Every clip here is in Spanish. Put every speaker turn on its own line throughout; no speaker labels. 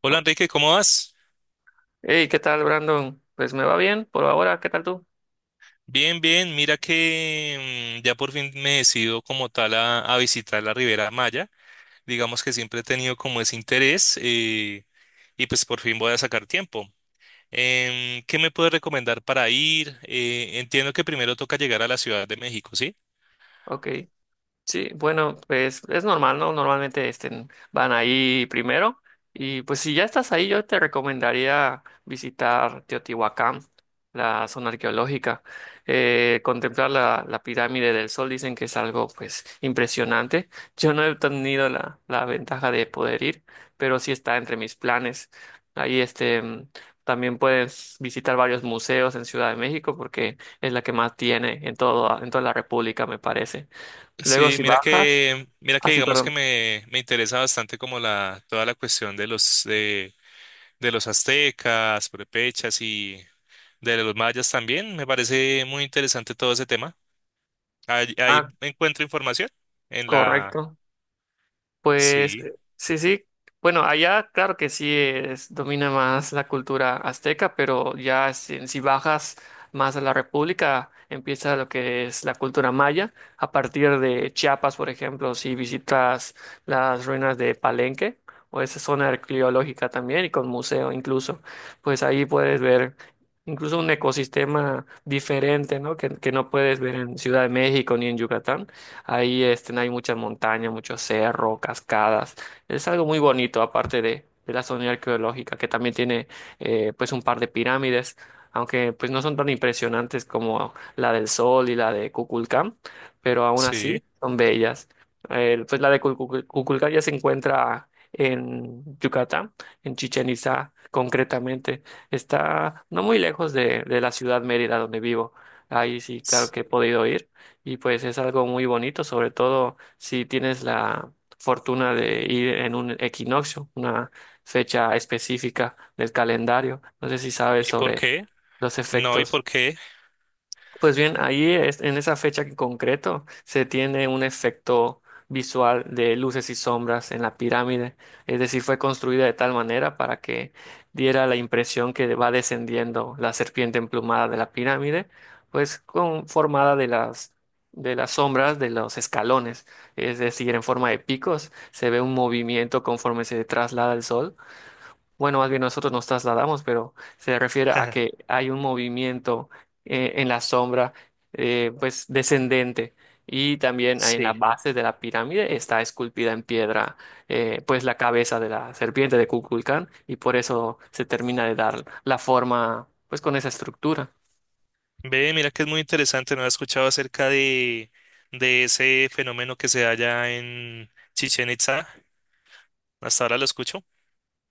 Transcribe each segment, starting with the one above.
Hola,
Oh,
Enrique, ¿cómo vas?
hey, ¿qué tal, Brandon? Pues me va bien por ahora, ¿qué tal tú?
Bien, bien. Mira que ya por fin me decido como tal a visitar la Ribera Maya. Digamos que siempre he tenido como ese interés, y pues por fin voy a sacar tiempo. ¿Qué me puedes recomendar para ir? Entiendo que primero toca llegar a la Ciudad de México, ¿sí?
Ok. Sí, bueno, pues es normal, ¿no? Normalmente este, van ahí primero. Y pues si ya estás ahí, yo te recomendaría visitar Teotihuacán, la zona arqueológica. Contemplar la pirámide del Sol, dicen que es algo pues impresionante. Yo no he tenido la ventaja de poder ir, pero sí está entre mis planes. Ahí este, también puedes visitar varios museos en Ciudad de México porque es la que más tiene en todo, en toda la República, me parece. Luego
Sí,
si
mira
bajas,
que, mira que
así,
digamos que
perdón.
me interesa bastante como la, toda la cuestión de los aztecas, prepechas, de los mayas también. Me parece muy interesante todo ese tema. Ahí,
Ah,
ahí encuentro información en la...
correcto. Pues
Sí,
sí, sí. Bueno, allá claro que sí es, domina más la cultura azteca, pero ya si bajas más a la República, empieza lo que es la cultura maya. A partir de Chiapas, por ejemplo, si visitas las ruinas de Palenque o esa zona arqueológica también y con museo incluso, pues ahí puedes ver incluso un ecosistema diferente, ¿no? Que no puedes ver en Ciudad de México ni en Yucatán. Ahí este, no hay muchas montañas, muchos cerros, cascadas. Es algo muy bonito, aparte de la zona arqueológica, que también tiene pues un par de pirámides, aunque pues no son tan impresionantes como la del Sol y la de Kukulcán, pero aún así
sí.
son bellas. Pues la de Kukulcán ya se encuentra en Yucatán, en Chichén Itzá concretamente. Está no muy lejos de la ciudad Mérida donde vivo. Ahí sí, claro
S-
que he podido ir y pues es algo muy bonito, sobre todo si tienes la fortuna de ir en un equinoccio, una fecha específica del calendario. No sé si sabes
¿Y por
sobre
qué?
los
No, ¿y
efectos.
por qué?
Pues bien, en esa fecha en concreto se tiene un efecto visual de luces y sombras en la pirámide, es decir, fue construida de tal manera para que diera la impresión que va descendiendo la serpiente emplumada de la pirámide, pues con, formada de las sombras de los escalones, es decir, en forma de picos, se ve un movimiento conforme se traslada el sol. Bueno, más bien nosotros nos trasladamos, pero se refiere a que hay un movimiento en la sombra, pues descendente, y también ahí en la
Sí.
base de la pirámide está esculpida en piedra, pues la cabeza de la serpiente de Kukulcán, y por eso se termina de dar la forma, pues con esa estructura.
Ve, mira que es muy interesante. No he escuchado acerca de ese fenómeno que se da allá en Chichen Itza. Hasta ahora lo escucho.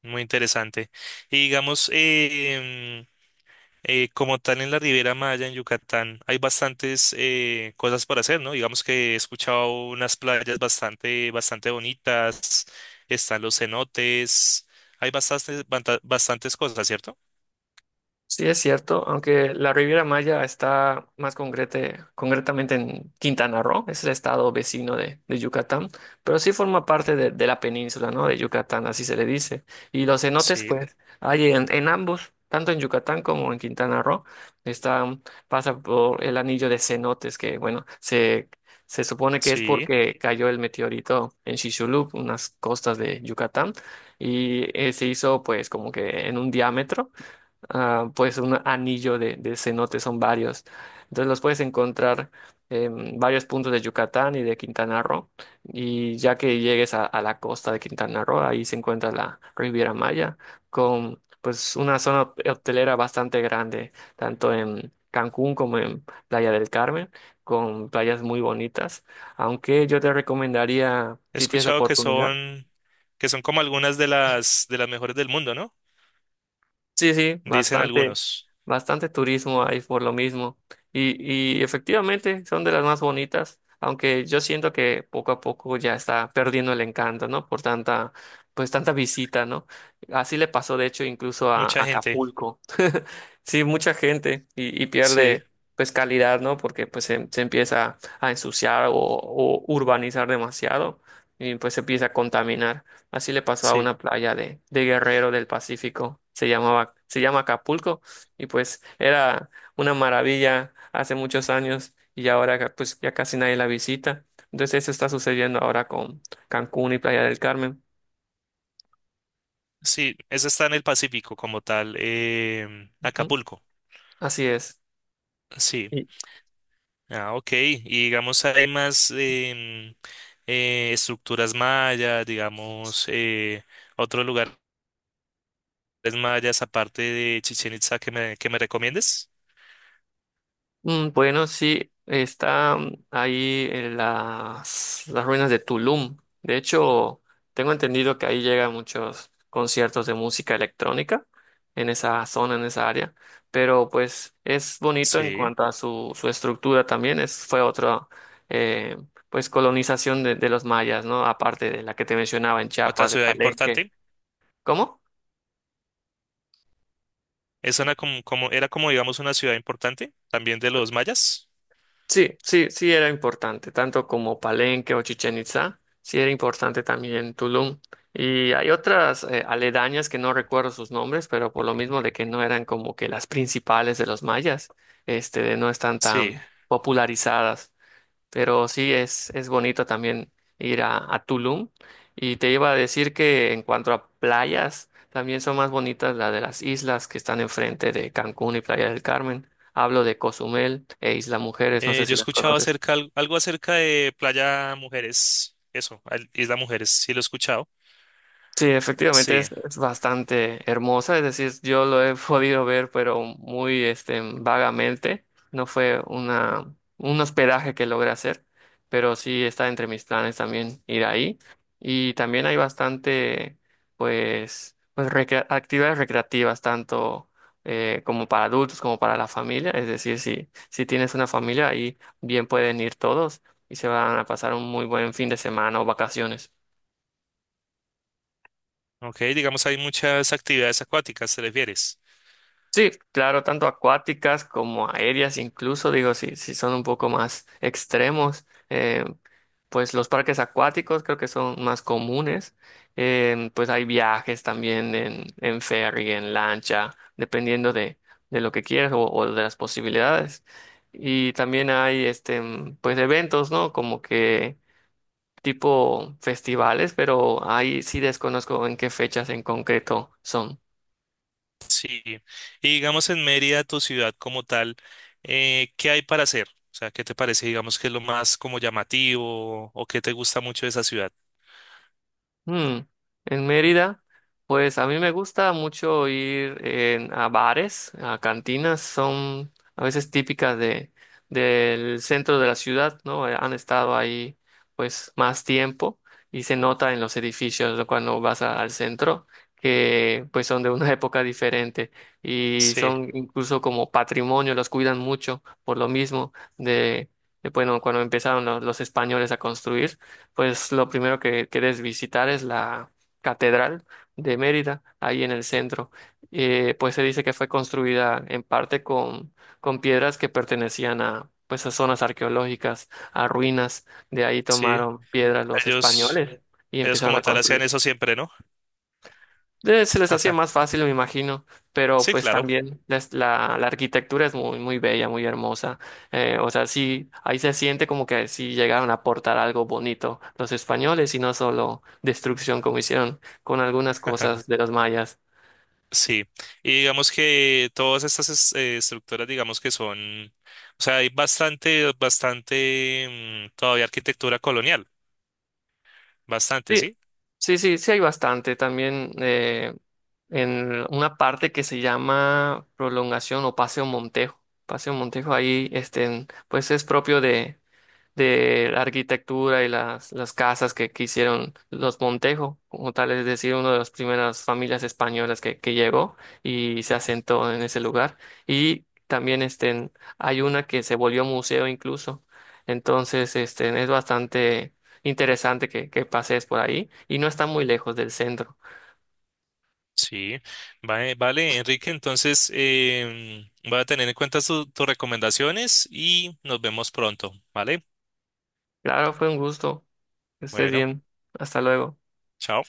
Muy interesante. Y digamos, como tal en la Riviera Maya, en Yucatán, hay bastantes, cosas por hacer, ¿no? Digamos que he escuchado unas playas bastante bonitas, están los cenotes, hay bastantes cosas, ¿cierto?
Sí, es cierto, aunque la Riviera Maya está más concretamente en Quintana Roo, es el estado vecino de Yucatán, pero sí forma parte de la península, ¿no? De Yucatán, así se le dice. Y los cenotes,
Sí,
pues, hay en ambos, tanto en Yucatán como en Quintana Roo, están, pasa por el anillo de cenotes, que, bueno, se supone que es
sí.
porque cayó el meteorito en Chicxulub, unas costas de Yucatán, y se hizo, pues, como que en un diámetro ah, pues un anillo de cenote, son varios. Entonces los puedes encontrar en varios puntos de Yucatán y de Quintana Roo. Y ya que llegues a la costa de Quintana Roo, ahí se encuentra la Riviera Maya, con pues una zona hotelera bastante grande, tanto en Cancún como en Playa del Carmen, con playas muy bonitas. Aunque yo te recomendaría,
He
si tienes la
escuchado
oportunidad,
que son como algunas de de las mejores del mundo, ¿no?
sí, sí,
Dicen
bastante,
algunos.
bastante turismo hay por lo mismo. Y efectivamente son de las más bonitas, aunque yo siento que poco a poco ya está perdiendo el encanto, ¿no? Por tanta, pues tanta visita, ¿no? Así le pasó, de hecho, incluso a
Mucha gente.
Acapulco. Sí, mucha gente y
Sí,
pierde pues calidad, ¿no? Porque pues se empieza a ensuciar o urbanizar demasiado y pues se empieza a contaminar. Así le pasó a
sí,
una playa de Guerrero del Pacífico, se llamaba, se llama Acapulco y pues era una maravilla hace muchos años y ahora pues ya casi nadie la visita. Entonces eso está sucediendo ahora con Cancún y Playa del Carmen.
sí. Eso está en el Pacífico como tal.
Ujú,
Acapulco.
así es.
Sí. Ah, ok. Y digamos, hay más, estructuras mayas, digamos, otros lugares mayas aparte de Chichén Itzá que que me recomiendes.
Bueno, sí, está ahí en las ruinas de Tulum. De hecho, tengo entendido que ahí llegan muchos conciertos de música electrónica en esa zona, en esa área. Pero pues es bonito en
Sí.
cuanto a su, su estructura también. Es, fue otra eh, pues colonización de los mayas, ¿no? Aparte de la que te mencionaba en
Otra
Chiapas, de
ciudad
Palenque.
importante.
¿Cómo?
Es una era como, digamos, una ciudad importante también de los mayas.
Sí, sí, sí era importante, tanto como Palenque o Chichen Itza. Sí era importante también Tulum. Y hay otras aledañas que no recuerdo sus nombres, pero por lo mismo de que no eran como que las principales de los mayas, este, no están
Sí.
tan popularizadas. Pero sí es bonito también ir a Tulum. Y te iba a decir que en cuanto a playas, también son más bonitas las de las islas que están enfrente de Cancún y Playa del Carmen. Hablo de Cozumel e Isla Mujeres, no sé
Yo
si
he
las
escuchado
conoces.
acerca, algo acerca de Playa Mujeres. Eso, Isla Mujeres, sí lo he escuchado.
Sí, efectivamente
Sí.
es bastante hermosa, es decir, yo lo he podido ver, pero muy este, vagamente. No fue una, un hospedaje que logré hacer, pero sí está entre mis planes también ir ahí. Y también hay bastante, pues, actividades recreativas, tanto como para adultos como para la familia. Es decir, si tienes una familia, ahí bien pueden ir todos y se van a pasar un muy buen fin de semana o vacaciones.
Ok, digamos, hay muchas actividades acuáticas, ¿te refieres?
Sí, claro, tanto acuáticas como aéreas, incluso digo, si son un poco más extremos, pues los parques acuáticos creo que son más comunes, pues hay viajes también en ferry, en lancha, dependiendo de lo que quieras o de las posibilidades. Y también hay este, pues eventos, ¿no? Como que tipo festivales, pero ahí sí desconozco en qué fechas en concreto son.
Sí, y digamos en Mérida, tu ciudad como tal, ¿qué hay para hacer? O sea, ¿qué te parece, digamos, que es lo más como llamativo o qué te gusta mucho de esa ciudad?
Mm, En Mérida, pues a mí me gusta mucho ir a bares, a cantinas, son a veces típicas de, del centro de la ciudad, ¿no? Han estado ahí pues más tiempo y se nota en los edificios, ¿no? Cuando al centro, que pues son de una época diferente y
Sí,
son incluso como patrimonio, los cuidan mucho por lo mismo de, bueno, cuando empezaron los españoles a construir, pues lo primero que quieres visitar es la Catedral de Mérida, ahí en el centro. Pues se dice que fue construida en parte con piedras que pertenecían a, pues, a zonas arqueológicas, a ruinas. De ahí
sí,
tomaron piedras los
ellos,
españoles y
ellos
empezaron
como
a
tal hacían
construir.
eso siempre, ¿no?
Se les hacía más fácil, me imagino, pero
Sí,
pues
claro.
también la arquitectura es muy, muy bella, muy hermosa. O sea, sí, ahí se siente como que sí llegaron a aportar algo bonito los españoles y no solo destrucción como hicieron con algunas cosas de los mayas.
Sí, y digamos que todas estas, estructuras, digamos que son, o sea, hay bastante, todavía arquitectura colonial, bastante,
Sí,
¿sí?
sí, sí hay bastante. También en una parte que se llama prolongación o Paseo Montejo. Paseo Montejo ahí, este, pues es propio de la arquitectura y las casas que hicieron los Montejo, como tal, es decir, una de las primeras familias españolas que llegó y se asentó en ese lugar. Y también este, hay una que se volvió museo incluso. Entonces, este, es bastante interesante que pases por ahí y no está muy lejos del centro.
Sí, vale, vale, Enrique, entonces, voy a tener en cuenta tus recomendaciones y nos vemos pronto, ¿vale?
Claro, fue un gusto. Que estés
Bueno.
bien. Hasta luego.
Chao.